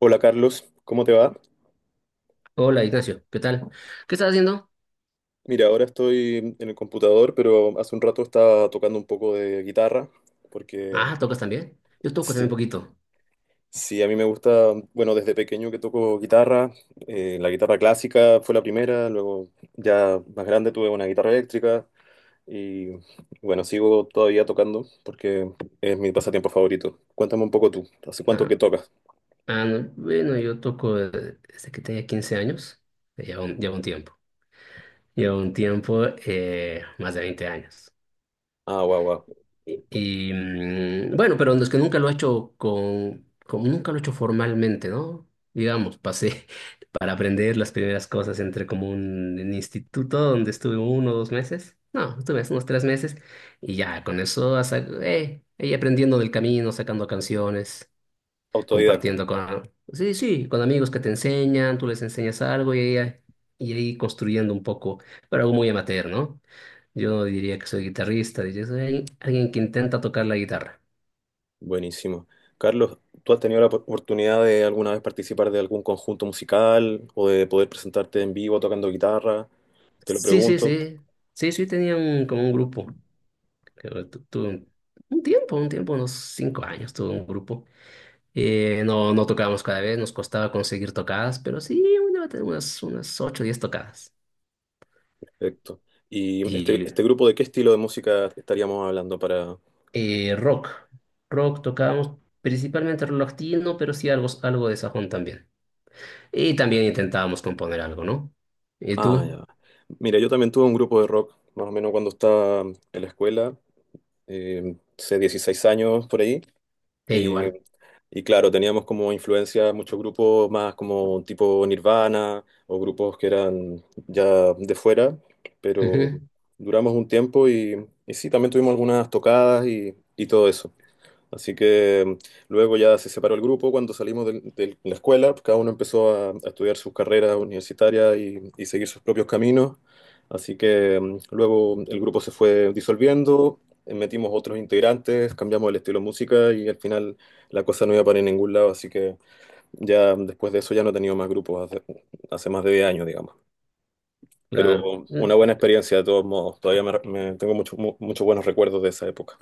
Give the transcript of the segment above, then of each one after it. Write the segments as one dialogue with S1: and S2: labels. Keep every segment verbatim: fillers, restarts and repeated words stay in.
S1: Hola Carlos, ¿cómo te va?
S2: Hola Ignacio, ¿qué tal? ¿Qué estás haciendo?
S1: Mira, ahora estoy en el computador, pero hace un rato estaba tocando un poco de guitarra, porque
S2: Ah, ¿tocas también? Yo toco también un
S1: sí,
S2: poquito.
S1: sí, a mí me gusta, bueno, desde pequeño que toco guitarra. Eh, la guitarra clásica fue la primera, luego ya más grande tuve una guitarra eléctrica y bueno, sigo todavía tocando porque es mi pasatiempo favorito. Cuéntame un poco tú, ¿hace cuánto
S2: Ah,
S1: que tocas?
S2: ah, no, bueno, yo toco eh, desde que tenía quince años, lleva un, lleva un tiempo. Lleva un tiempo, eh, más de veinte años.
S1: Ah, guau, guau,
S2: Y, mm, bueno, pero es que nunca lo he hecho con, como nunca lo he hecho formalmente, ¿no? Digamos, pasé para aprender las primeras cosas entre como un, un instituto donde estuve uno o dos meses. No, estuve unos tres meses y ya con eso hasta, eh, ahí aprendiendo del camino, sacando canciones,
S1: autodidacta.
S2: compartiendo con, sí, sí, con amigos que te enseñan, tú les enseñas algo y ahí, y ahí construyendo un poco, pero algo muy amateur, ¿no? Yo no diría que soy guitarrista, diría soy alguien alguien que intenta tocar la guitarra.
S1: Buenísimo. Carlos, ¿tú has tenido la op- oportunidad de alguna vez participar de algún conjunto musical o de poder presentarte en vivo tocando guitarra? Te lo
S2: Sí, sí,
S1: pregunto.
S2: sí, sí, sí, tenía un, como un grupo, que tu- tuve un, un tiempo, un tiempo, unos cinco años tuve un grupo. Eh, no, no tocábamos cada vez, nos costaba conseguir tocadas, pero sí, una- unas, unas ocho, o diez tocadas.
S1: Perfecto. ¿Y este,
S2: Y
S1: este grupo de qué estilo de música estaríamos hablando para...?
S2: Eh, rock. Rock tocábamos principalmente rock latino, pero sí algo, algo de sajón también. Y también intentábamos componer algo, ¿no? ¿Y
S1: Ah,
S2: tú?
S1: ya. Mira, yo también tuve un grupo de rock, más o menos cuando estaba en la escuela, eh, hace dieciséis años por ahí.
S2: Eh,
S1: Y,
S2: igual.
S1: y claro, teníamos como influencia muchos grupos más como tipo Nirvana o grupos que eran ya de fuera, pero
S2: Ujú,
S1: duramos un tiempo y, y sí, también tuvimos algunas tocadas y, y todo eso. Así que mm, luego ya se separó el grupo cuando salimos del- de, la escuela, pues, cada uno empezó a, a estudiar sus carreras universitarias y, y seguir sus propios caminos. Así que mm, luego el grupo se fue disolviendo. Eh, metimos otros integrantes, cambiamos el estilo de música y al final la cosa no iba para ningún lado. Así que ya mm, después de eso ya no he tenido más grupos hace, hace más de diez años, digamos. Pero
S2: claro.
S1: una
S2: Mm.
S1: buena experiencia de todos modos. Todavía me, me- tengo muchos mu- muchos buenos recuerdos de esa época.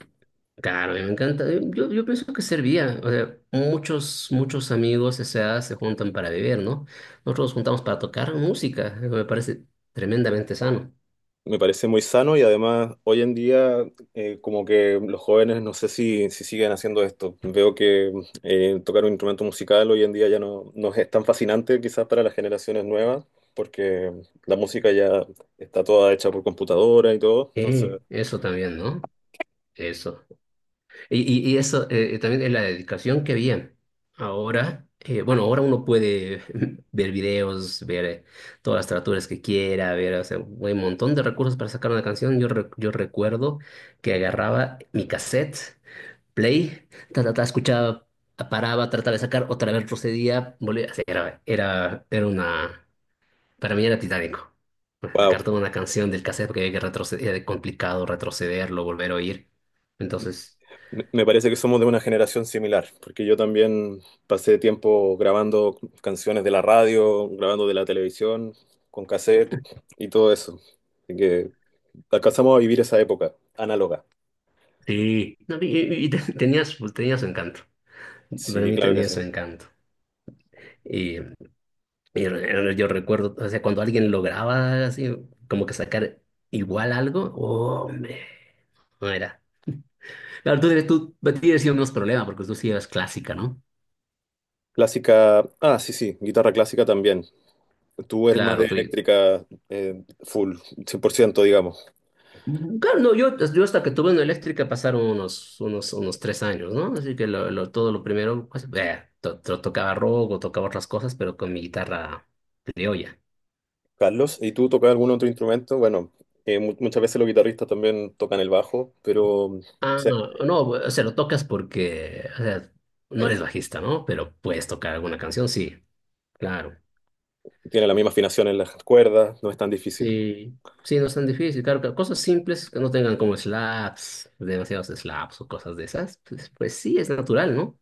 S2: Claro, me encanta. Eh, Yo, yo pienso que servía. O sea, muchos, muchos amigos, o sea, se juntan para beber, ¿no? Nosotros nos juntamos para tocar música. Eso me parece tremendamente sano.
S1: Me parece muy sano y además hoy en día eh, como que los jóvenes no sé si, si siguen haciendo esto. Veo que eh, tocar un instrumento musical hoy en día ya no, no es tan fascinante quizás para las generaciones nuevas porque la música ya está toda hecha por computadora y todo. Entonces,
S2: Eh, eso también, ¿no? Eso. Y, y- y eso eh, eh, también es la dedicación que había. Ahora, eh, bueno, ahora uno puede ver videos, ver eh, todas las traducciones que quiera, ver, o sea, hay un montón de recursos para sacar una canción. Yo, re- yo recuerdo que agarraba mi cassette, play, ta, ta, ta, escuchaba, paraba, trataba de sacar, otra vez procedía, volvía. O sea, era, era, era una, para mí era titánico. Pues,
S1: wow,
S2: sacar toda una canción del cassette porque había que retroceder, era complicado retrocederlo, volver a oír. Entonces.
S1: me me parece que somos de una generación similar porque yo también pasé tiempo grabando canciones de la radio, grabando de la televisión, con cassette y todo eso. Así que... Alcanzamos a vivir esa época, análoga.
S2: Sí, no, y, y- y te- tenía su, tenía su encanto. Para
S1: Sí,
S2: mí
S1: claro que
S2: tenía
S1: sí.
S2: su encanto. Y, y re- yo recuerdo, o sea, cuando alguien lograba así, como que sacar igual algo, hombre, no era. Claro, tú tienes, tú tienes unos problemas porque tú sí eras clásica, ¿no?
S1: Clásica, ah, sí, sí, guitarra clásica también. Tú eres más de
S2: Claro, tú.
S1: eléctrica eh, full, cien por ciento digamos.
S2: Claro, no, yo, yo hasta que tuve una eléctrica pasaron unos, unos, unos tres años, ¿no? Así que lo, lo- todo lo primero, pues, eh, to- to- tocaba rock o tocaba otras cosas, pero con mi guitarra criolla.
S1: Carlos, ¿y tú tocas algún otro instrumento? Bueno, eh, mu- muchas veces los guitarristas también tocan el bajo, pero o
S2: Ah,
S1: sea,
S2: no, o sea, lo tocas porque, o sea, no
S1: eh,
S2: eres bajista, ¿no? Pero puedes tocar alguna canción, sí, claro.
S1: tiene la misma afinación en las cuerdas, no es tan difícil.
S2: Sí, sí, no es tan difícil, claro, claro, cosas simples que no tengan como slaps, demasiados slaps o cosas de esas, pues, pues sí, es natural, ¿no?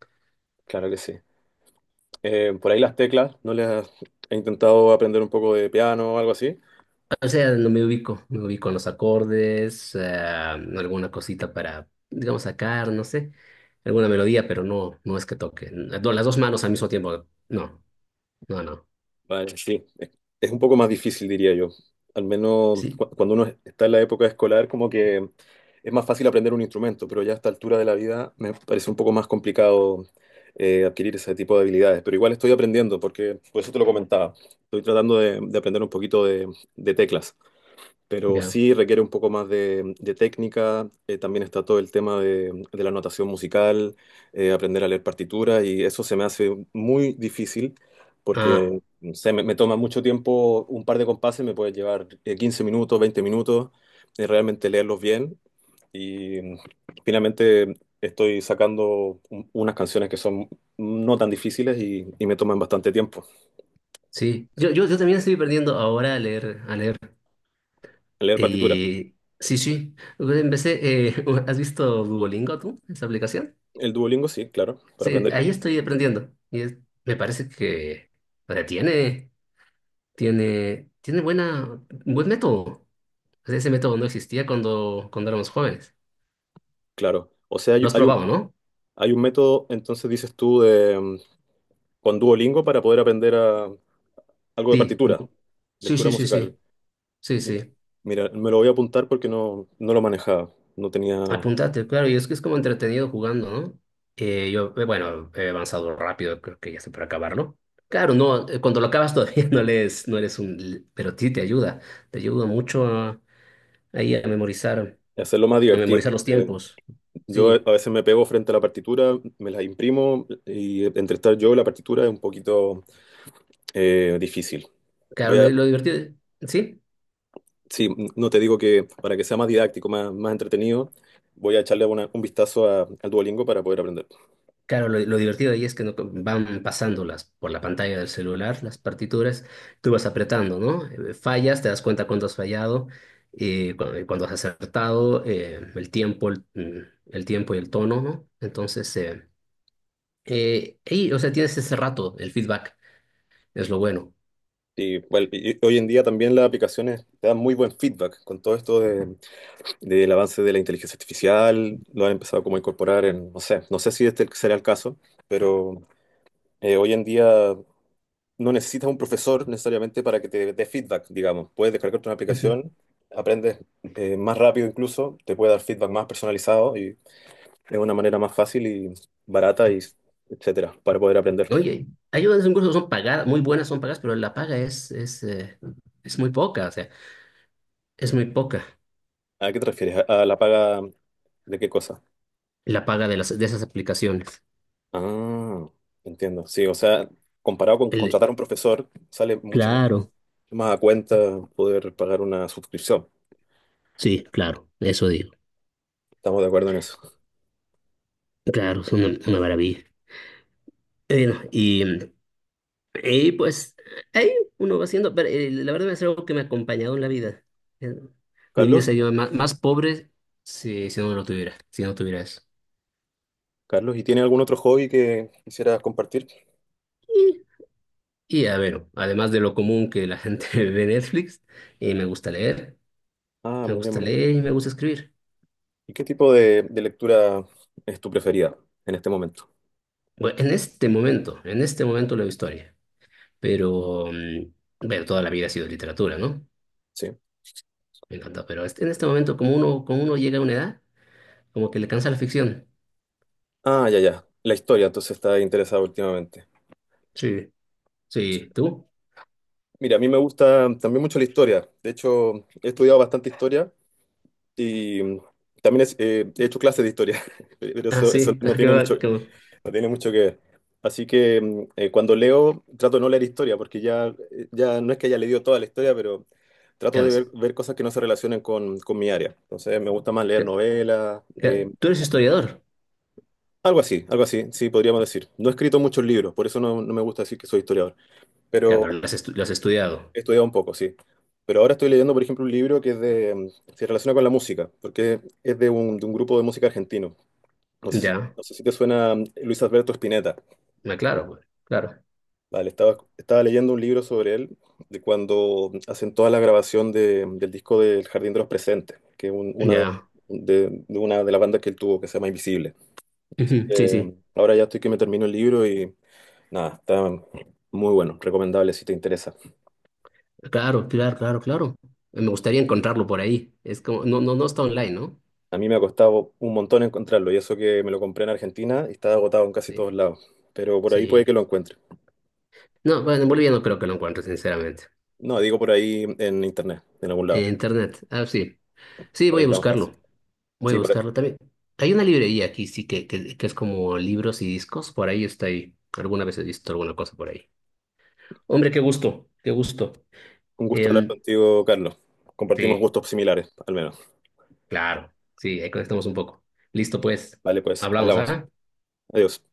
S1: Claro que sí. Eh, por ahí las teclas, ¿no les has- he intentado aprender un poco de piano o algo así?
S2: O sea, no me ubico, me ubico en los acordes, eh, alguna cosita para, digamos, sacar, no sé, alguna melodía, pero no, no es que toque. No, las dos manos al mismo tiempo, no, no, no,
S1: Vale, sí. Es es un poco más difícil, diría yo. Al menos
S2: sí,
S1: cu- cuando uno está en la época escolar, como que es más fácil aprender un instrumento, pero ya a esta altura de la vida me parece un poco más complicado eh, adquirir ese tipo de habilidades. Pero igual estoy aprendiendo, porque por eso te lo comentaba. Estoy tratando de, de aprender un poquito de, de teclas, pero
S2: ya.
S1: sí requiere un poco más de, de técnica. Eh, también está todo el tema de, de la notación musical, eh, aprender a leer partituras y eso se me hace muy difícil
S2: Ah.
S1: porque no sé, me, me toma mucho tiempo, un par de compases me puede llevar eh, quince minutos, veinte minutos, eh, realmente leerlos bien. Y mm, finalmente estoy sacando un- unas canciones que son no tan difíciles y, y me toman bastante tiempo.
S2: Sí, yo, yo, yo también estoy perdiendo ahora a leer, a leer.
S1: Leer partitura.
S2: Eh, sí, sí, pues empecé, eh, ¿has visto Duolingo tú, esa aplicación?
S1: El Duolingo, sí, claro, para
S2: Sí,
S1: aprender,
S2: ahí
S1: idiomas,
S2: estoy aprendiendo y es- me parece que, o sea, tiene, tiene, tiene buena, buen método. O sea, ese método no existía cuando, cuando éramos jóvenes.
S1: claro. O sea, hay,
S2: Los
S1: hay un.
S2: probaba, ¿no?
S1: Hay un método, entonces dices tú, de, mm, con Duolingo para poder aprender a- algo de
S2: Sí,
S1: partitura,
S2: mu- sí,
S1: lectura
S2: sí, sí,
S1: musical.
S2: sí, sí,
S1: Mi-
S2: sí.
S1: Mira, me lo voy a apuntar porque no, no lo manejaba, no tenía
S2: Apúntate, claro, y es que es como entretenido jugando, ¿no? Eh, yo, eh, bueno, he avanzado rápido, creo que ya estoy para acabarlo. Claro, no, eh, cuando lo acabas todavía no lees, no eres un, l- pero sí te ayuda, te ayuda mucho a, ahí a memorizar,
S1: que hacerlo más
S2: a
S1: divertido.
S2: memorizar los
S1: Eh,
S2: tiempos.
S1: Yo a
S2: Sí,
S1: veces me pego frente a la partitura, me la imprimo y entre estar yo y la partitura es un poquito eh, difícil.
S2: claro,
S1: Voy
S2: lo,
S1: a,
S2: lo divertido, sí,
S1: sí, no te digo que para que sea más didáctico, más, más entretenido, voy a echarle una- un vistazo a- al Duolingo para poder aprender.
S2: claro, lo, lo divertido ahí es que no- van pasándolas por la pantalla del celular las partituras, tú vas apretando, ¿no? Eh, Fallas, te das cuenta cuándo has fallado, eh, cu- eh, cuándo has acertado, eh, el tiempo, el, mm, el tiempo y el tono, ¿no? Entonces, eh, eh, y, o sea, tienes ese rato, el feedback, es lo bueno.
S1: Y, bueno, y hoy en día también las aplicaciones te dan muy buen feedback con todo esto de- del avance de la inteligencia artificial, lo han empezado como a incorporar en, no sé, no sé si este será el caso, pero eh, hoy en día no necesitas un profesor necesariamente para que te dé feedback, digamos. Puedes descargarte una
S2: Ujú.
S1: aplicación, aprendes eh, más rápido incluso, te puede dar feedback más personalizado y es una manera más fácil y barata y etcétera para poder aprender.
S2: Oye, hay unas incluso son pagadas, muy buenas son pagadas, pero la paga es, es, eh, es muy poca, o sea, es muy poca
S1: ¿A qué te refieres? ¿A a la paga de qué cosa?
S2: la paga de las, de esas aplicaciones.
S1: Ah, entiendo. Sí, o sea, comparado con
S2: El,
S1: contratar a un profesor, sale mucho más, más a cuenta poder pagar una suscripción.
S2: Sí, claro, eso digo.
S1: Estamos de acuerdo en eso.
S2: Claro, es una, una maravilla. Y bueno, y, y pues ahí uno va haciendo, pero eh, la verdad es algo que me ha acompañado en la vida. Eh, Mi vida
S1: Carlos,
S2: sería más, más pobre si, si no lo tuviera, si no tuviera eso.
S1: Carlos, ¿y tiene algún otro hobby que quisieras compartir?
S2: Y, y a ver, además de lo común que la gente ve Netflix, eh, me gusta leer,
S1: Ah,
S2: me
S1: muy bien,
S2: gusta
S1: muy bien.
S2: leer y me gusta escribir.
S1: ¿Y qué tipo de, de lectura es tu preferida en este momento?
S2: Bueno, en este momento, en este momento leo historia, pero mm, bueno, toda la vida ha sido literatura, ¿no?
S1: Sí.
S2: Me encantó, pero este- en este momento, como uno, como uno llega a una edad, como que le cansa la ficción.
S1: Ah, ya, ya. La historia, entonces está interesado últimamente.
S2: Sí, sí, ¿tú?
S1: Mira, a mí me gusta también mucho la historia. De hecho, he estudiado bastante historia y mm, también es- eh, he hecho clases de historia, pero
S2: Ah,
S1: eso, eso
S2: sí,
S1: no
S2: ¿qué
S1: tiene mucho.
S2: va? ¿Qué
S1: No tiene mucho que ver. Así que mm, eh, cuando leo, trato de no leer historia, porque ya, eh, ya no es que haya leído toda la historia, pero trato de
S2: cansa?
S1: ver, ver cosas que no se relacionen con, con mi área. Entonces me gusta más leer
S2: ¿Qué-
S1: novelas,
S2: qué-
S1: eh,
S2: ¿Tú eres historiador?
S1: algo así, algo así, sí, podríamos decir. No he escrito muchos libros, por eso no, no me gusta decir que soy historiador,
S2: Ya,
S1: pero
S2: pero lo has, estu- lo has estudiado.
S1: he estudiado un poco, sí. Pero ahora estoy leyendo, por ejemplo, un libro que es de, mm, se relaciona con la música, porque es de un, de un grupo de música argentino. No sé si,
S2: Ya,
S1: no sé si te suena mm, Luis Alberto Spinetta.
S2: ah, claro, güey, claro.
S1: Vale, estaba, estaba leyendo un libro sobre él, de cuando hacen toda la grabación de- del disco del Jardín de los Presentes, que es un- una de,
S2: Ya,
S1: de- de una de las bandas que él tuvo, que se llama Invisible.
S2: ujú, sí,
S1: Eh,
S2: sí,
S1: ahora ya estoy que me termino el libro y nada, está muy bueno, recomendable si te interesa.
S2: claro, claro, claro, claro. Me gustaría encontrarlo por ahí. Es como, no, no, no está online, ¿no?
S1: A mí me ha costado un montón encontrarlo, y eso que me lo compré en Argentina y está agotado en casi todos
S2: Sí,
S1: lados, pero por ahí puede que
S2: sí.
S1: lo encuentre.
S2: No, bueno, en Bolivia no creo que lo encuentre, sinceramente.
S1: No, digo por ahí en internet, en algún
S2: En
S1: lado,
S2: internet, ah, sí. Sí,
S1: por ahí
S2: voy a
S1: está más fácil.
S2: buscarlo. Voy a
S1: Sí, por.
S2: buscarlo también. Hay una librería aquí, sí, que, que, que es como libros y discos. Por ahí está ahí. Alguna vez he visto alguna cosa por ahí. Hombre, qué gusto, qué gusto.
S1: Un gusto hablar
S2: Em,
S1: contigo, Carlos. Compartimos
S2: sí,
S1: gustos similares, al menos.
S2: claro. Sí, ahí conectamos un poco. Listo, pues.
S1: Vale, pues,
S2: Hablamos,
S1: hablamos.
S2: ¿ah?
S1: Adiós.